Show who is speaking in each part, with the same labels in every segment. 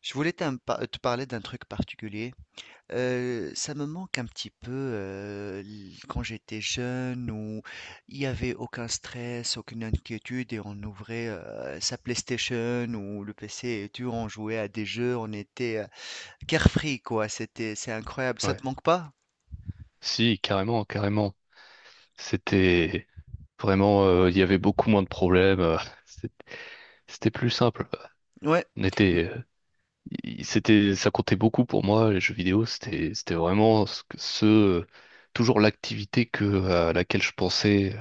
Speaker 1: Je voulais te parler d'un truc particulier. Ça me manque un petit peu quand j'étais jeune où il n'y avait aucun stress, aucune inquiétude et on ouvrait sa PlayStation ou le PC et on jouait à des jeux, on était carefree quoi. C'est incroyable. Ça
Speaker 2: Ouais.
Speaker 1: te manque pas?
Speaker 2: Si, carrément, carrément. C'était vraiment, il y avait beaucoup moins de problèmes. C'est- C'était plus simple.
Speaker 1: Ouais.
Speaker 2: On était, il- c'était, ça comptait beaucoup pour moi, les jeux vidéo. C'était vraiment toujours l'activité à laquelle je pensais,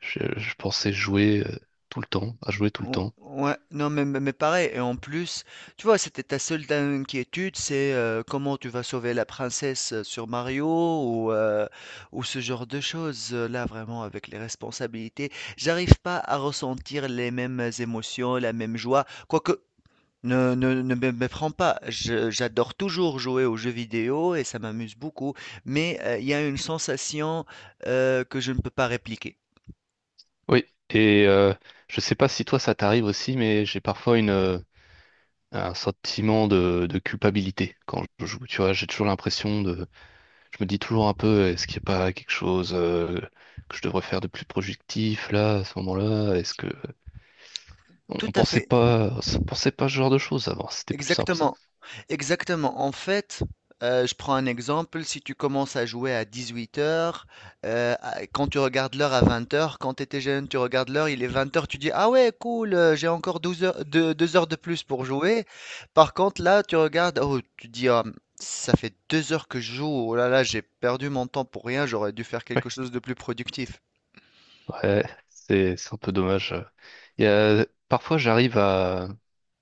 Speaker 2: je pensais jouer tout le temps, à jouer tout le temps.
Speaker 1: Ouais, non, mais pareil, et en plus, tu vois, c'était ta seule inquiétude, c'est comment tu vas sauver la princesse sur Mario ou, euh, ou ce genre de choses. Là, vraiment, avec les responsabilités, j'arrive pas à ressentir les mêmes émotions, la même joie. Quoique, ne me méprends pas, j'adore toujours jouer aux jeux vidéo et ça m'amuse beaucoup, mais il y a une sensation que je ne peux pas répliquer.
Speaker 2: Oui. Et je sais pas si toi ça t'arrive aussi, mais j'ai parfois un sentiment de culpabilité quand je joue. Tu vois, j'ai toujours l'impression de, je me dis toujours un peu, est-ce qu'il n'y a pas quelque chose que je devrais faire de plus productif là, à ce moment-là? Est-ce que on
Speaker 1: Tout
Speaker 2: on
Speaker 1: à
Speaker 2: pensait
Speaker 1: fait.
Speaker 2: pas, on pensait pas ce genre de choses avant? C'était plus simple ça.
Speaker 1: Exactement, exactement. En fait, je prends un exemple, si tu commences à jouer à 18h, quand tu regardes l'heure à 20h, quand tu étais jeune, tu regardes l'heure, il est 20h, tu dis, ah ouais, cool, j'ai encore 12 heures, 2 heures de plus pour jouer. Par contre, là, tu regardes, oh, tu dis, ah, ça fait 2 heures que je joue, oh là là, j'ai perdu mon temps pour rien, j'aurais dû faire quelque chose de plus productif.
Speaker 2: Ouais, c'est un peu dommage. Il y a, parfois, j'arrive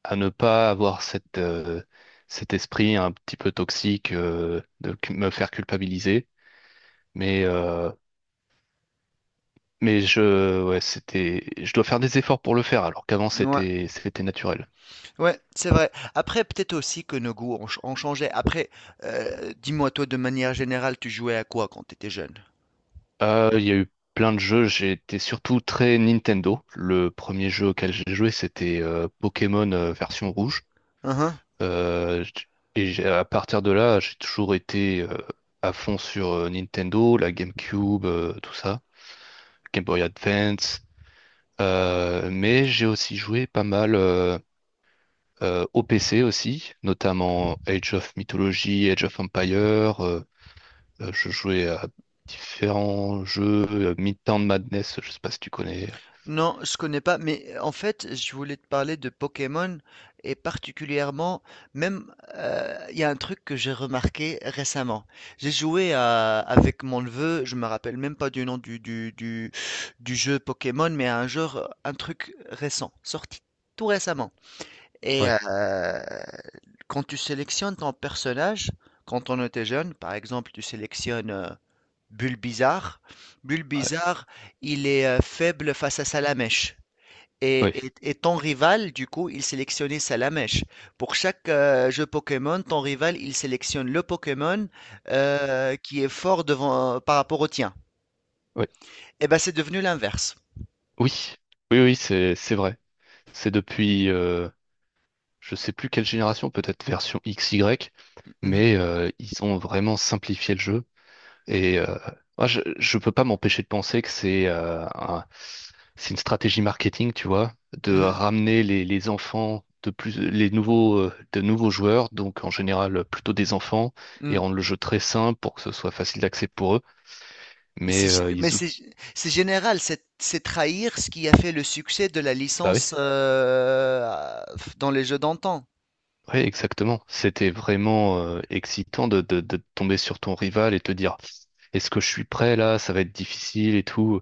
Speaker 2: à ne pas avoir cet esprit un petit peu toxique euh, me faire culpabiliser. Mais, euh, mais ouais, c'était, je dois faire des efforts pour le faire, alors qu'avant,
Speaker 1: Ouais.
Speaker 2: c'était naturel.
Speaker 1: Ouais, c'est vrai. Après, peut-être aussi que nos goûts ont changé. Après, dis-moi, toi, de manière générale, tu jouais à quoi quand t'étais jeune?
Speaker 2: Il y a eu plein de jeux. J'étais surtout très Nintendo. Le premier jeu auquel j'ai joué, c'était Pokémon version rouge.
Speaker 1: Hein, hein.
Speaker 2: Euh, j- à partir de là, j'ai toujours été à fond sur Nintendo, la GameCube, tout ça, Game Boy Advance. Mais j'ai aussi joué pas mal au PC aussi, notamment Age of Mythology, Age of Empire. Je jouais à différents jeux, Midtown Madness, je sais pas si tu connais.
Speaker 1: Non, je connais pas, mais en fait, je voulais te parler de Pokémon et particulièrement, même, il y a un truc que j'ai remarqué récemment. Avec mon neveu, je me rappelle même pas du nom du jeu Pokémon, mais à un jeu, un truc récent, sorti tout récemment. Et
Speaker 2: Ouais,
Speaker 1: quand tu sélectionnes ton personnage, quand on était jeune, par exemple, tu sélectionnes Bulbizarre.
Speaker 2: ouais,
Speaker 1: Bulbizarre, il est faible face à Salamèche.
Speaker 2: ouais,
Speaker 1: Et ton rival, du coup, il sélectionnait Salamèche. Pour chaque jeu Pokémon, ton rival, il sélectionne le Pokémon qui est fort devant, par rapport au tien.
Speaker 2: ouais.
Speaker 1: Et ben, c'est devenu l'inverse.
Speaker 2: Oui, oui, oui, c'est vrai. C'est depuis, je sais plus quelle génération, peut-être version XY,
Speaker 1: Mhm,
Speaker 2: mais ils ont vraiment simplifié le jeu. Et moi, je peux pas m'empêcher de penser que c'est c'est une stratégie marketing, tu vois, de
Speaker 1: mhm,
Speaker 2: ramener les enfants de plus, les nouveaux, de nouveaux joueurs, donc en général plutôt des enfants, et
Speaker 1: mhm.
Speaker 2: rendre le jeu très simple pour que ce soit facile d'accès pour eux. Mais euh, ils, ou-
Speaker 1: C'est général, c'est trahir ce qui a fait le succès de la
Speaker 2: Bah oui.
Speaker 1: licence dans les jeux d'antan.
Speaker 2: Oui, exactement. C'était vraiment excitant de tomber sur ton rival et te dire, est-ce que je suis prêt là? Ça va être difficile et tout.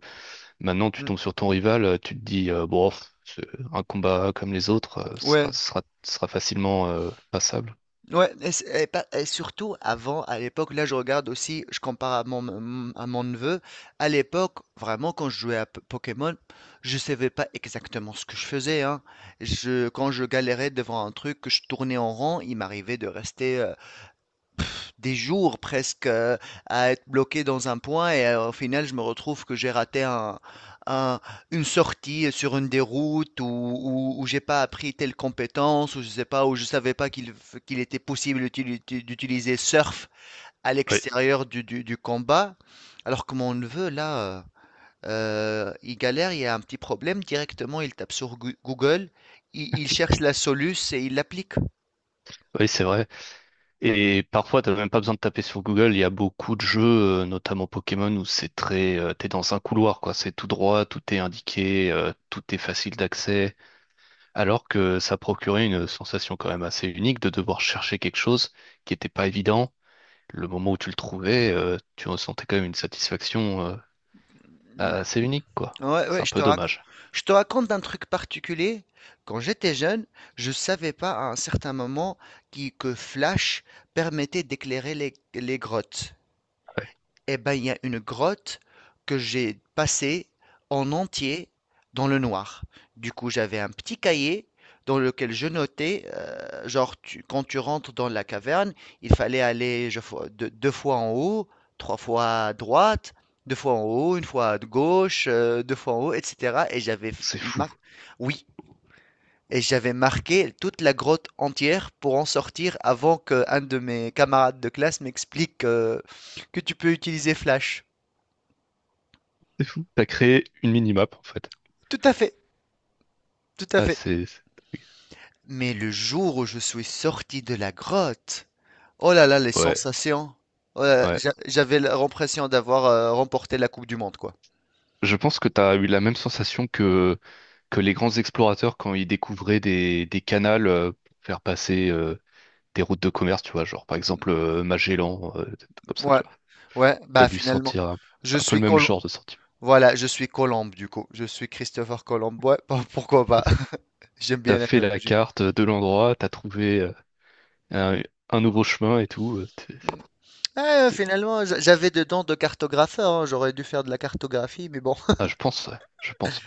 Speaker 2: Maintenant, tu
Speaker 1: Mm.
Speaker 2: tombes sur ton rival, tu te dis, bon, pff, c'est un combat comme les autres euh, sera,
Speaker 1: Ouais,
Speaker 2: sera, sera facilement passable.
Speaker 1: ouais, et, c'est- et pas- et surtout avant, à l'époque, là je regarde aussi, je compare à à mon neveu, à l'époque, vraiment quand je jouais à Pokémon, je savais pas exactement ce que je faisais, hein. Quand je galérais devant un truc, que je tournais en rond, il m'arrivait de rester pff, des jours presque à être bloqué dans un point et au final je me retrouve que j'ai raté un- une sortie sur une des routes ou où j'ai pas appris telle compétence ou je sais pas où je savais pas qu'il était possible d'utiliser surf à
Speaker 2: Oui,
Speaker 1: l'extérieur du combat alors que mon neveu là il galère il y a un petit problème directement il tape sur Google il
Speaker 2: oui.
Speaker 1: cherche la soluce et il l'applique.
Speaker 2: Oui, c'est vrai. Et parfois, t'as même pas besoin de taper sur Google. Il y a beaucoup de jeux, notamment Pokémon, où c'est très, t'es dans un couloir, quoi. C'est tout droit, tout est indiqué, tout est facile d'accès. Alors que ça procurait une sensation quand même assez unique de devoir chercher quelque chose qui n'était pas évident. Le moment où tu le trouvais, tu ressentais quand même une satisfaction assez unique, quoi.
Speaker 1: Ouais,
Speaker 2: C'est
Speaker 1: ouais,
Speaker 2: un
Speaker 1: je te
Speaker 2: peu
Speaker 1: rac-
Speaker 2: dommage.
Speaker 1: je te raconte un truc particulier. Quand j'étais jeune, je savais pas à un certain moment que Flash permettait d'éclairer les grottes. Eh ben, il y a une grotte que j'ai passée en entier dans le noir. Du coup, j'avais un petit cahier dans lequel je notais, genre, quand tu rentres dans la caverne, il fallait aller deux fois en haut, trois fois à droite, deux fois en haut, une fois à gauche, deux fois en haut, etc.
Speaker 2: C'est fou.
Speaker 1: Oui, et j'avais marqué toute la grotte entière pour en sortir avant que un de mes camarades de classe m'explique que tu peux utiliser Flash.
Speaker 2: T'as créé une minimap, en fait.
Speaker 1: Tout à fait, tout à
Speaker 2: Ah,
Speaker 1: fait.
Speaker 2: c'est... c'est-
Speaker 1: Mais le jour où je suis sorti de la grotte, oh là là, les
Speaker 2: Ouais,
Speaker 1: sensations. Oh là là,
Speaker 2: ouais.
Speaker 1: j'avais l'impression d'avoir remporté la Coupe du Monde, quoi.
Speaker 2: Je pense que t'as eu la même sensation que les grands explorateurs quand ils découvraient des canals pour faire passer des routes de commerce, tu vois, genre par exemple Magellan, des trucs comme ça,
Speaker 1: Ouais,
Speaker 2: tu vois.
Speaker 1: ouais,
Speaker 2: T'as
Speaker 1: bah
Speaker 2: dû
Speaker 1: finalement,
Speaker 2: sentir
Speaker 1: je
Speaker 2: un peu le
Speaker 1: suis
Speaker 2: même
Speaker 1: Colomb.
Speaker 2: genre de sentiment.
Speaker 1: Voilà, je suis Colombe du coup. Je suis Christopher Colomb. Ouais, pourquoi pas? J'aime
Speaker 2: T'as
Speaker 1: bien
Speaker 2: fait la
Speaker 1: l'analogie.
Speaker 2: carte de l'endroit, t'as trouvé un, un nouveau chemin et tout.
Speaker 1: Ah,
Speaker 2: C'était,
Speaker 1: finalement, j'avais des dents de cartographeur, hein. J'aurais dû faire de la cartographie, mais bon.
Speaker 2: ah, je pense, ouais, je pense.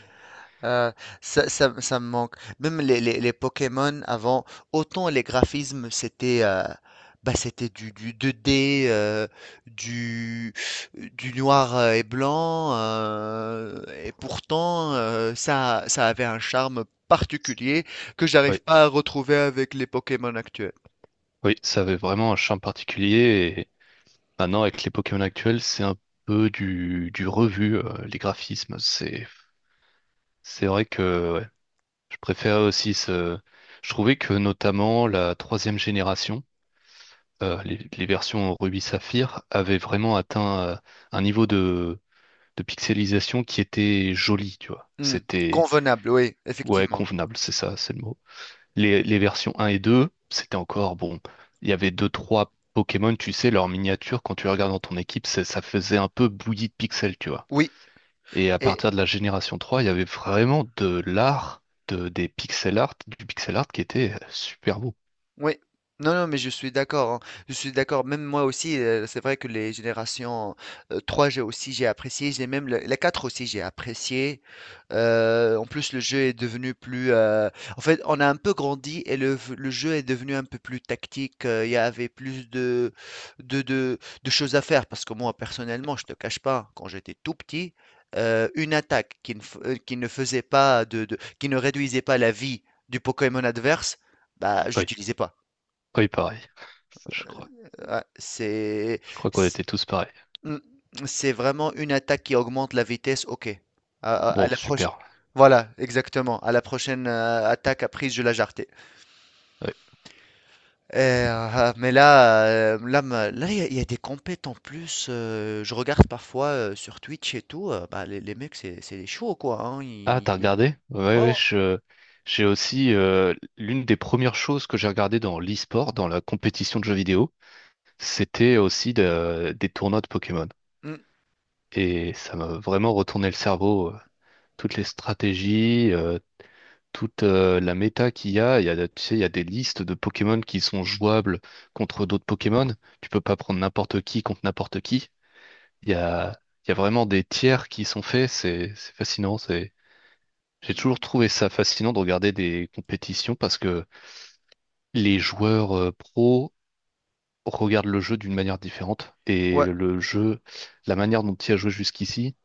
Speaker 1: Euh, ça me manque. Même les Pokémon avant, autant les graphismes, c'était bah, c'était du 2D, du, du noir et blanc, et pourtant ça avait un charme particulier que j'arrive
Speaker 2: Oui,
Speaker 1: pas à retrouver avec les Pokémon actuels.
Speaker 2: oui, ça avait vraiment un charme particulier et maintenant avec les Pokémon actuels, c'est un peu du revu, les graphismes. C'est vrai que ouais, je préfère aussi ce. Je trouvais que notamment la troisième génération, les versions Ruby Saphir, avaient vraiment atteint un niveau de pixelisation qui était joli, tu vois.
Speaker 1: Hmm,
Speaker 2: C'était.
Speaker 1: convenable, oui,
Speaker 2: Ouais,
Speaker 1: effectivement.
Speaker 2: convenable, c'est ça, c'est le mot. Les versions un et 2, c'était encore bon. Il y avait deux, trois Pokémon, tu sais, leurs miniatures, quand tu les regardes dans ton équipe, ça faisait un peu bouillie de pixels, tu vois.
Speaker 1: Oui.
Speaker 2: Et à partir de la génération 3, il y avait vraiment de l'art, des pixel art, du pixel art qui était super beau.
Speaker 1: Oui, non, non, mais je suis d'accord, hein. Je suis d'accord. Même moi aussi, c'est vrai que les générations 3, j'ai aussi, j'ai apprécié. J'ai même la 4 aussi, j'ai apprécié. En plus, le jeu est devenu plus. En fait, on a un peu grandi et le jeu est devenu un peu plus tactique. Il y avait plus de, de, de choses à faire. Parce que moi, personnellement, je te cache pas, quand j'étais tout petit, une attaque qui ne faisait pas qui ne réduisait pas la vie du Pokémon adverse, bah, je
Speaker 2: Oui,
Speaker 1: l'utilisais pas.
Speaker 2: oui, pareil. Je crois,
Speaker 1: Ouais, c'est
Speaker 2: je crois qu'on
Speaker 1: c-
Speaker 2: était tous pareils.
Speaker 1: mm, c'est vraiment une attaque qui augmente la vitesse. Ok. À
Speaker 2: Bon,
Speaker 1: la proche.
Speaker 2: super.
Speaker 1: Voilà, exactement. À la prochaine attaque à prise, je la jarretais.
Speaker 2: Ouais.
Speaker 1: Là, il y a des compètes en plus. Je regarde parfois sur Twitch et tout. Bah, les mecs, c'est des chauds quoi, hein,
Speaker 2: Ah, t'as regardé? Ouais,
Speaker 1: ouais, ouais.
Speaker 2: ouais, j'ai aussi l'une des premières choses que j'ai regardé dans l'e-sport, dans la compétition de jeux vidéo. C'était aussi des tournois de Pokémon.
Speaker 1: Mm,
Speaker 2: Et ça m'a vraiment retourné le cerveau. Toutes les stratégies, toute la méta qu'il y a. Il y a, tu sais, il y a des listes de Pokémon qui sont jouables contre d'autres Pokémon. Tu peux pas prendre n'importe qui contre n'importe qui. Il y a, il y a vraiment des tiers qui sont faits. C'est fascinant. C'est, j'ai toujours trouvé ça fascinant de regarder des compétitions parce que les joueurs pros regarde le jeu d'une manière différente. Et
Speaker 1: ouais,
Speaker 2: le jeu, la manière dont tu y as joué jusqu'ici,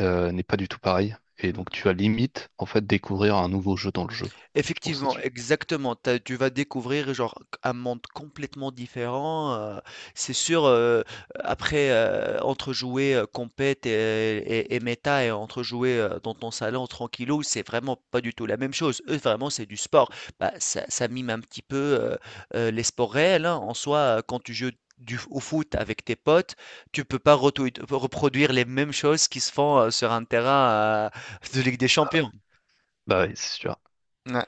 Speaker 2: n'est pas du tout pareil. Et donc
Speaker 1: mm.
Speaker 2: tu as limite, en fait, découvrir un nouveau jeu dans le jeu. Je trouve ça.
Speaker 1: Effectivement, exactement. Tu vas découvrir genre un monde complètement différent. C'est sûr, entre jouer compète et méta et entre jouer dans ton salon tranquillou, c'est vraiment pas du tout la même chose. Eux, vraiment, c'est du sport. Bah, ça mime un petit peu les sports réels, hein. En soi, quand tu joues au foot avec tes potes, tu peux pas reproduire les mêmes choses qui se font sur un terrain de Ligue des Champions.
Speaker 2: Bah oui, c'est sûr,
Speaker 1: Ouais.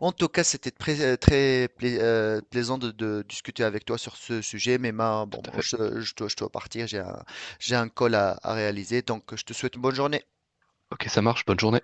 Speaker 1: En tout cas, c'était très, plaisant de discuter avec toi sur ce sujet. Mais ma,
Speaker 2: tout
Speaker 1: bon,
Speaker 2: à
Speaker 1: moi,
Speaker 2: fait.
Speaker 1: je dois partir, j'ai un call à réaliser, donc je te souhaite une bonne journée.
Speaker 2: Ok, ça marche, bonne journée.